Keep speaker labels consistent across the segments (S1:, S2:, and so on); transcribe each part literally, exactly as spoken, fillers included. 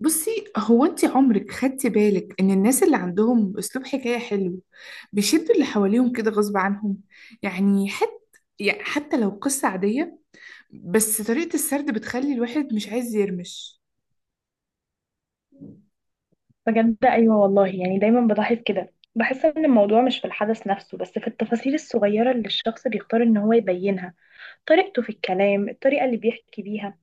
S1: بصي، هو انت عمرك خدتي بالك ان الناس اللي عندهم اسلوب حكاية حلو بيشدوا اللي حواليهم كده غصب عنهم؟ يعني حتى يعني حتى لو قصة عادية، بس طريقة السرد بتخلي الواحد مش عايز يرمش.
S2: بجد ايوه والله. يعني دايما بلاحظ كده، بحس ان الموضوع مش في الحدث نفسه، بس في التفاصيل الصغيره اللي الشخص بيختار ان هو يبينها. طريقته في الكلام، الطريقه اللي بيحكي بيها.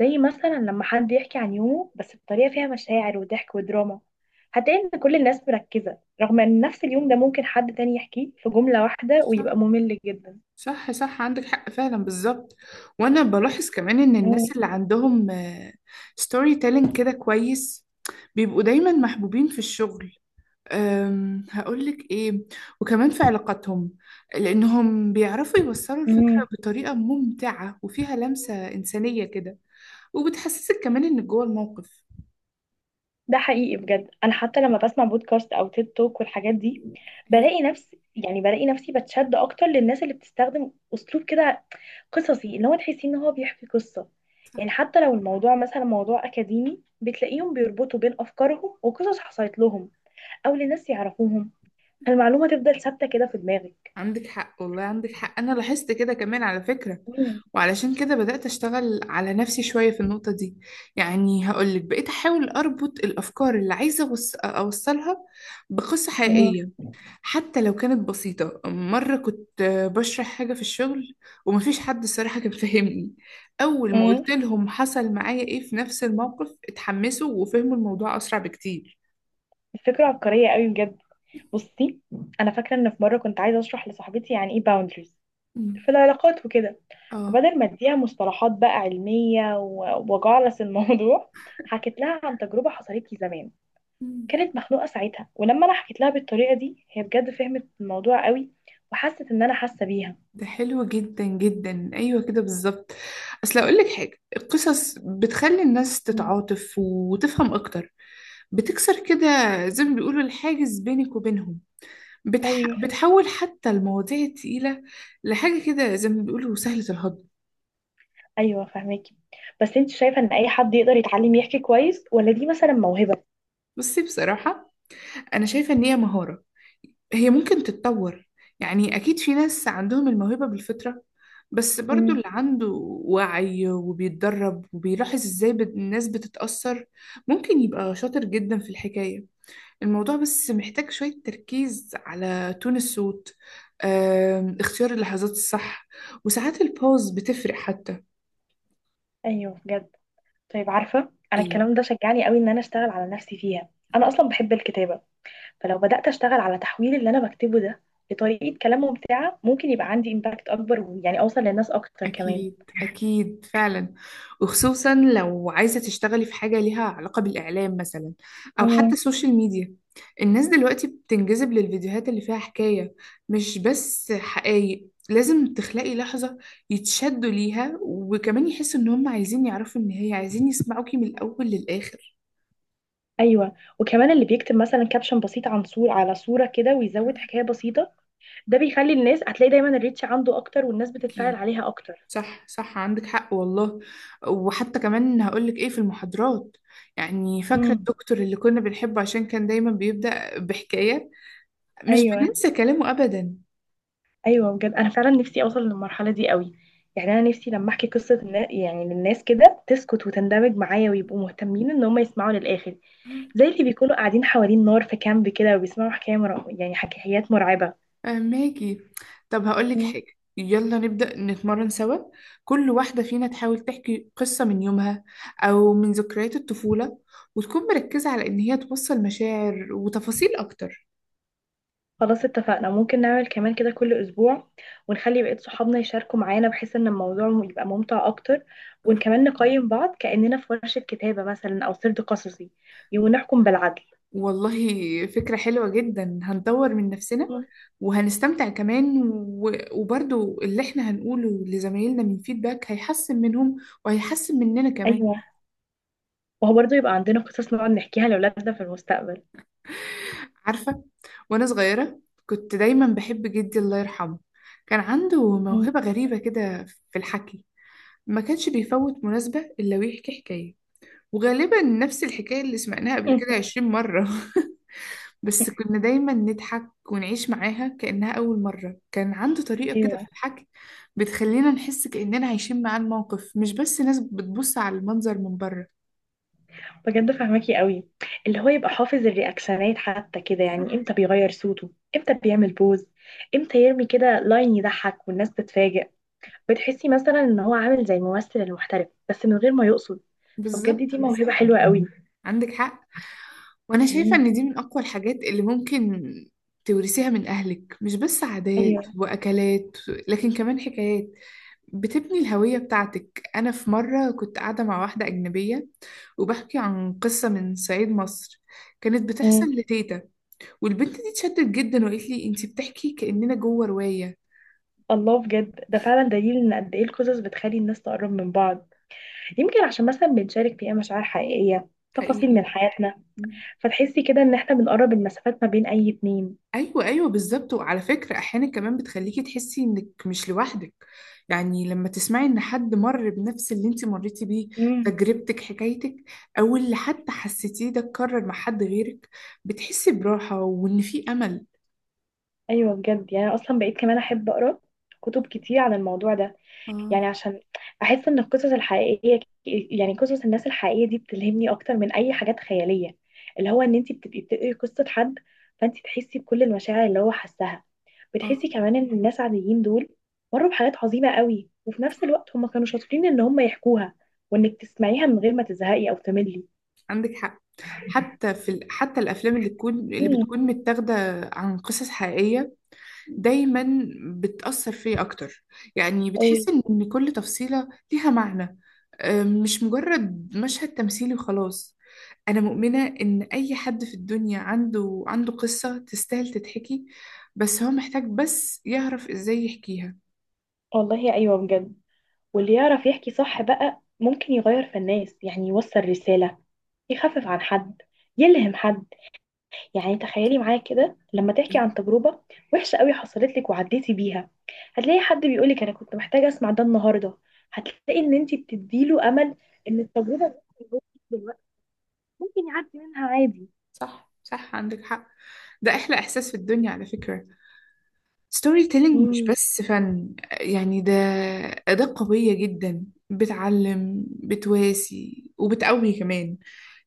S2: زي مثلا لما حد يحكي عن يومه بس بطريقه فيها مشاعر وضحك ودراما، هتلاقي ان كل الناس مركزه، رغم ان نفس اليوم ده ممكن حد تاني يحكيه في جمله واحده ويبقى
S1: صح
S2: ممل جدا.
S1: صح صح، عندك حق فعلا بالظبط. وانا بلاحظ كمان ان الناس اللي عندهم ستوري تيلينج كده كويس بيبقوا دايما محبوبين في الشغل. أم، هقولك إيه، وكمان في علاقاتهم، لأنهم بيعرفوا يوصلوا
S2: مم.
S1: الفكرة بطريقة ممتعة وفيها لمسة إنسانية كده، وبتحسسك كمان إنك جوه الموقف.
S2: ده حقيقي بجد. انا حتى لما بسمع بودكاست او تيد توك والحاجات دي،
S1: أيوه.
S2: بلاقي نفسي يعني بلاقي نفسي بتشد اكتر للناس اللي بتستخدم اسلوب كده، قصصي، اللي هو تحسي ان هو بيحكي قصة.
S1: صح،
S2: يعني حتى لو الموضوع مثلا موضوع اكاديمي، بتلاقيهم بيربطوا بين افكارهم وقصص حصلت لهم او لناس يعرفوهم، فالمعلومة تفضل ثابتة كده في دماغك.
S1: عندك حق والله، عندك حق، أنا لاحظت كده كمان على فكرة.
S2: مم.
S1: وعلشان كده بدأت أشتغل على نفسي شوية في النقطة دي. يعني هقولك، بقيت أحاول أربط الأفكار اللي عايزة أوص- أوصلها بقصة
S2: مم.
S1: حقيقية، حتى لو كانت بسيطة. مرة كنت بشرح حاجة في الشغل ومفيش حد الصراحة كان فاهمني، أول ما
S2: مم.
S1: قلت لهم حصل معايا إيه في نفس الموقف اتحمسوا وفهموا الموضوع أسرع بكتير.
S2: الفكرة عبقرية قوي بجد. بصي، انا فاكرة ان في مرة كنت عايزة اشرح لصاحبتي يعني ايه باوندريز
S1: مم.
S2: في العلاقات وكده.
S1: آه.
S2: فبدل ما اديها مصطلحات بقى علمية و- وجعلس الموضوع، حكيت لها عن تجربة حصلت لي زمان.
S1: مم.
S2: كانت مخنوقة ساعتها، ولما انا حكيت لها بالطريقة دي، هي بجد فهمت الموضوع قوي وحست ان انا حاسة بيها.
S1: ده حلو جدا جدا، أيوة كده بالظبط. أصل أقولك حاجة، القصص بتخلي الناس
S2: مم.
S1: تتعاطف وتفهم أكتر، بتكسر كده زي ما بيقولوا الحاجز بينك وبينهم، بتح...
S2: ايوه،
S1: بتحول حتى المواضيع التقيلة لحاجة كده زي ما بيقولوا سهلة الهضم.
S2: ايوه فهماكي. بس انت شايفة ان اي حد يقدر يتعلم يحكي كويس، ولا دي مثلا موهبة؟
S1: بصي بصراحة، أنا شايفة إن هي مهارة، هي ممكن تتطور. يعني أكيد في ناس عندهم الموهبة بالفطرة، بس برضو
S2: امم.
S1: اللي عنده وعي وبيتدرب وبيلاحظ إزاي بت- الناس بتتأثر ممكن يبقى شاطر جدا في الحكاية. الموضوع بس محتاج شوية تركيز على تون الصوت، آم، اختيار اللحظات الصح، وساعات البوز بتفرق حتى.
S2: ايوه بجد. طيب، عارفة، انا الكلام ده شجعني قوي ان انا اشتغل على نفسي فيها. انا اصلا بحب الكتابة، فلو بدأت أشتغل على تحويل اللي أنا بكتبه ده لطريقة كلام ممتعة، ممكن يبقى عندي إمباكت أكبر ويعني أوصل للناس أكتر كمان.
S1: أكيد، أكيد فعلا، وخصوصا لو عايزة تشتغلي في حاجة ليها علاقة بالإعلام مثلا، أو حتى
S2: مم.
S1: السوشيال ميديا. الناس دلوقتي بتنجذب للفيديوهات اللي فيها حكاية، مش بس حقايق، لازم تخلقي لحظة يتشدوا ليها، وكمان يحسوا إن هم عايزين يعرفوا النهاية، عايزين يسمعوكي من الأول للآخر.
S2: أيوة. وكمان اللي بيكتب مثلا كابشن بسيط عن صورة على صورة كده ويزود حكاية بسيطة، ده بيخلي الناس هتلاقي دايما الريتش عنده أكتر والناس بتتفاعل
S1: أكيد.
S2: عليها أكتر.
S1: صح صح، عندك حق والله. وحتى كمان هقولك ايه، في المحاضرات، يعني فاكرة
S2: مم.
S1: الدكتور اللي كنا بنحبه عشان كان دايما بيبدأ بحكاية، مش
S2: أيوة.
S1: بننسى كلامه أبدا.
S2: ايوه بجد، انا فعلا نفسي اوصل للمرحله دي قوي. يعني انا نفسي لما احكي قصه النا- يعني للناس كده، تسكت وتندمج معايا ويبقوا مهتمين ان هم يسمعوا للاخر. زي اللي بيكونوا قاعدين حوالين نار في كامب كده وبيسمعوا حكايه مر... يعني حكايات مرعبه.
S1: آه، ماجي، طب هقولك
S2: مم.
S1: حاجة، يلا نبدأ نتمرن سوا، كل واحدة فينا تحاول تحكي قصة من يومها أو من ذكريات الطفولة، وتكون مركزة على إن هي توصل مشاعر وتفاصيل أكتر.
S2: خلاص، اتفقنا. ممكن نعمل كمان كده كل اسبوع، ونخلي بقية صحابنا يشاركوا معانا بحيث ان الموضوع يبقى ممتع اكتر، وكمان نقيم بعض كأننا في ورشة كتابة مثلا او سرد قصصي، ونحكم بالعدل.
S1: والله فكرة حلوة جدا، هنطور من نفسنا
S2: مم.
S1: وهنستمتع كمان و... وبرضو اللي احنا هنقوله لزمايلنا من فيدباك هيحسن منهم وهيحسن مننا كمان.
S2: أيوة. وهو برضه يبقى عندنا قصص نقعد نحكيها لأولادنا في المستقبل.
S1: عارفة، وأنا صغيرة كنت دايما بحب جدي، الله يرحمه، كان عنده
S2: مم.
S1: موهبة غريبة كده في الحكي، ما كانش بيفوت مناسبة إلا ويحكي حكاية، وغالبا نفس الحكاية اللي سمعناها قبل كده عشرين مرة بس كنا دايما نضحك ونعيش معاها كأنها أول مرة. كان عنده طريقة كده
S2: ايوه
S1: في الحكي بتخلينا نحس كأننا عايشين معاه الموقف، مش بس ناس بتبص على المنظر من بره.
S2: بجد فهماكي قوي. اللي هو يبقى حافظ الرياكشنات حتى كده،
S1: صح،
S2: يعني امتى بيغير صوته، امتى بيعمل بوز، امتى يرمي كده لاين يضحك والناس تتفاجئ. بتحسي مثلا ان هو عامل زي الممثل المحترف بس من غير ما يقصد. فبجد
S1: بالظبط
S2: دي موهبة
S1: بالظبط،
S2: حلوة قوي.
S1: عندك حق. وأنا شايفة
S2: مم.
S1: إن دي من أقوى الحاجات اللي ممكن تورثيها من أهلك، مش بس عادات
S2: ايوه.
S1: وأكلات، لكن كمان حكايات، بتبني الهوية بتاعتك. أنا في مرة كنت قاعدة مع واحدة أجنبية وبحكي عن قصة من صعيد مصر كانت بتحصل
S2: مم.
S1: لتيتا، والبنت دي اتشدت جدا وقالت لي انتي بتحكي كأننا جوه رواية.
S2: الله. بجد ده فعلا دليل ان قد ايه القصص بتخلي الناس تقرب من بعض. يمكن عشان مثلا بنشارك فيها مشاعر حقيقية، تفاصيل
S1: حقيقي.
S2: من حياتنا،
S1: م.
S2: فتحسي كده ان احنا بنقرب المسافات ما بين اي اتنين.
S1: ايوه ايوه بالظبط، وعلى فكرة احيانا كمان بتخليكي تحسي انك مش لوحدك، يعني لما تسمعي ان حد مر بنفس اللي انتي مريتي بيه،
S2: امم.
S1: تجربتك، حكايتك، او اللي حتى حسيتيه ده اتكرر مع حد غيرك، بتحسي براحة وان في امل.
S2: ايوه بجد. يعني أنا اصلا بقيت كمان احب اقرا كتب كتير عن الموضوع ده.
S1: اه،
S2: يعني عشان احس ان القصص الحقيقيه، يعني قصص الناس الحقيقيه دي، بتلهمني اكتر من اي حاجات خياليه. اللي هو ان انت بتبقي بتقري قصه حد، فانت تحسي بكل المشاعر اللي هو حسها.
S1: اه
S2: بتحسي كمان ان الناس عاديين دول مروا بحاجات عظيمه قوي، وفي نفس الوقت هم كانوا شاطرين ان هم يحكوها، وانك تسمعيها من غير ما تزهقي او تملي.
S1: عندك حق، حتى في ال... حتى الافلام اللي تكون اللي
S2: امم.
S1: بتكون متاخده عن قصص حقيقيه دايما بتأثر فيا أكتر، يعني
S2: ايوه
S1: بتحس إن كل تفصيلة ليها معنى. أم، مش مجرد مشهد تمثيلي وخلاص. أنا مؤمنة إن أي حد في الدنيا عنده عنده قصة تستاهل تتحكي، بس هو محتاج بس يعرف إزاي يحكيها.
S2: والله. ايوه بجد. واللي يعرف يحكي صح بقى ممكن يغير في الناس، يعني يوصل رسالة، يخفف عن حد، يلهم حد. يعني تخيلي معايا كده، لما تحكي عن تجربة وحشة قوي حصلت لك وعديتي بيها، هتلاقي حد بيقولك انا كنت محتاجة اسمع ده النهاردة. هتلاقي ان انت بتديله امل، ان التجربة اللي هو فيه دلوقتي ممكن يعدي منها عادي.
S1: صح صح، عندك حق. ده أحلى إحساس في الدنيا على فكرة. ستوري تيلينج مش
S2: امم.
S1: بس فن، يعني ده أداة قوية جدا، بتعلم، بتواسي، وبتقوي كمان.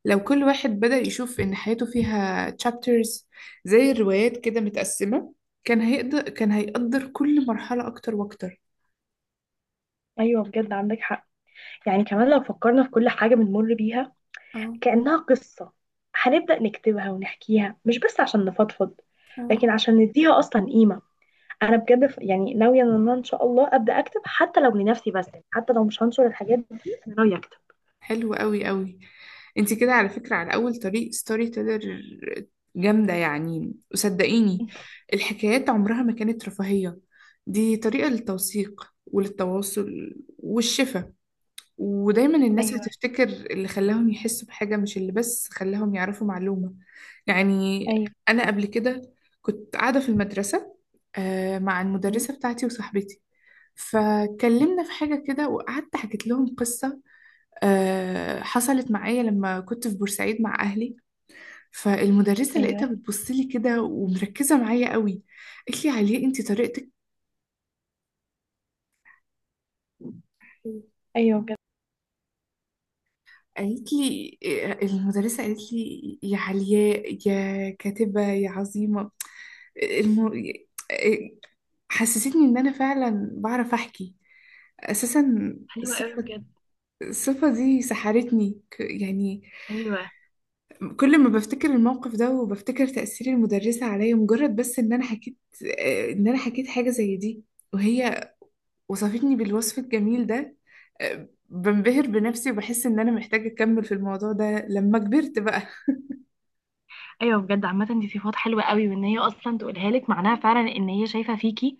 S1: لو كل واحد بدأ يشوف إن حياته فيها chapters، زي الروايات كده متقسمة، كان هيقدر كان هيقدر كل مرحلة أكتر وأكتر.
S2: ايوه بجد عندك حق. يعني كمان لو فكرنا في كل حاجة بنمر بيها
S1: اه،
S2: كأنها قصة، هنبدأ نكتبها ونحكيها، مش بس عشان نفضفض،
S1: اه،
S2: لكن عشان نديها أصلا قيمة. أنا بجد ف- يعني ناوية إن أنا إن شاء الله أبدأ أكتب، حتى لو لنفسي بس، حتى لو مش هنشر الحاجات دي، أنا ناوية أكتب.
S1: حلو قوي قوي. انت كده على فكرة على أول طريق ستوري تيلر، جامدة يعني، وصدقيني، الحكايات عمرها ما كانت رفاهية، دي طريقة للتوثيق وللتواصل والشفا، ودايما الناس
S2: ايوه،
S1: هتفتكر اللي خلاهم يحسوا بحاجة، مش اللي بس خلاهم يعرفوا معلومة. يعني
S2: ايوه.
S1: أنا قبل كده كنت قاعدة في المدرسة، آه، مع
S2: مم.
S1: المدرسة بتاعتي وصاحبتي، فكلمنا في حاجة كده وقعدت حكيت لهم قصة آه، حصلت معايا لما كنت في بورسعيد مع أهلي، فالمدرسة
S2: ايوه،
S1: لقيتها بتبص لي كده ومركزة معايا قوي، قالت لي عليه أنت طريقتك،
S2: ايوه بجد.
S1: قالت لي، المدرسة قالت لي يا علياء يا كاتبة يا عظيمة. الم... حسستني إن أنا فعلا بعرف أحكي أساسا.
S2: حلوة قوي
S1: الصفة
S2: بجد.
S1: الصفة دي سحرتني ك- يعني
S2: ايوه،
S1: كل ما بفتكر الموقف ده وبفتكر تأثير المدرسة عليا مجرد بس إن أنا حكيت، إن أنا حكيت حاجة زي دي وهي وصفتني بالوصف الجميل ده، بنبهر بنفسي وبحس إن أنا محتاجة أكمل في الموضوع ده لما كبرت بقى.
S2: ايوه بجد عامة دي صفات حلوة قوي، وان هي اصلا تقولها لك معناها فعلا ان هي شايفة فيكي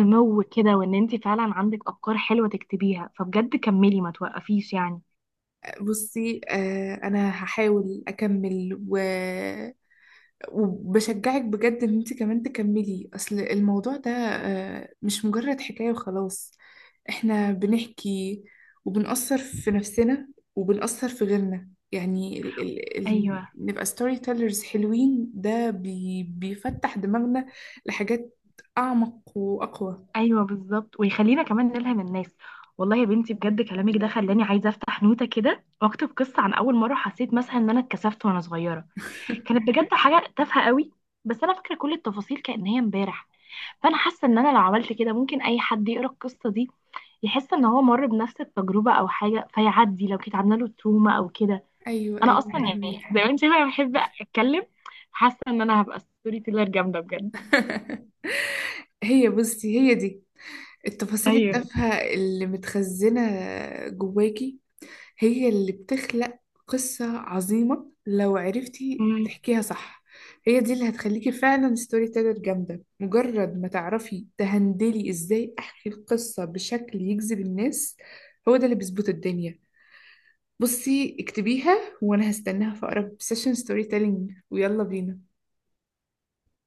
S2: سمو كده، وان انت فعلا عندك افكار حلوة تكتبيها، فبجد كملي ما توقفيش يعني.
S1: بصي، آه انا هحاول اكمل و... وبشجعك بجد ان انت كمان تكملي، اصل الموضوع ده آه مش مجرد حكاية وخلاص، احنا بنحكي وبنأثر في نفسنا وبنأثر في غيرنا، يعني ال... ال... ال...
S2: ايوه،
S1: نبقى ستوري تيلرز حلوين، ده بي... بيفتح دماغنا لحاجات اعمق واقوى.
S2: ايوه بالظبط، ويخلينا كمان نلهم الناس. والله يا بنتي بجد كلامك ده خلاني عايزه افتح نوته كده واكتب قصه عن اول مره حسيت مثلا ان انا اتكسفت وانا صغيره. كانت بجد حاجه تافهه قوي، بس انا فاكره كل التفاصيل كأن هي امبارح. فانا حاسه ان انا لو عملت كده، ممكن اي حد يقرا القصه دي يحس ان هو مر بنفس التجربه او حاجه، فيعدي لو كانت عامله له تروما او كده.
S1: ايوه
S2: انا
S1: ايوه
S2: اصلا يعني
S1: فهمك
S2: زي ما انت شايفه أنا بحب اتكلم. حاسه ان انا هبقى ستوري تيلر جامده بجد.
S1: هي بصي، هي دي التفاصيل
S2: ايوه
S1: التافهة اللي متخزنة جواكي، هي اللي بتخلق قصة عظيمة لو عرفتي تحكيها صح. هي دي اللي هتخليكي فعلا ستوري تيلر جامدة، مجرد ما تعرفي تهندلي ازاي احكي القصة بشكل يجذب الناس، هو ده اللي بيظبط الدنيا. بصي اكتبيها وانا هستناها في اقرب سيشن ستوري تيلينج، ويلا بينا.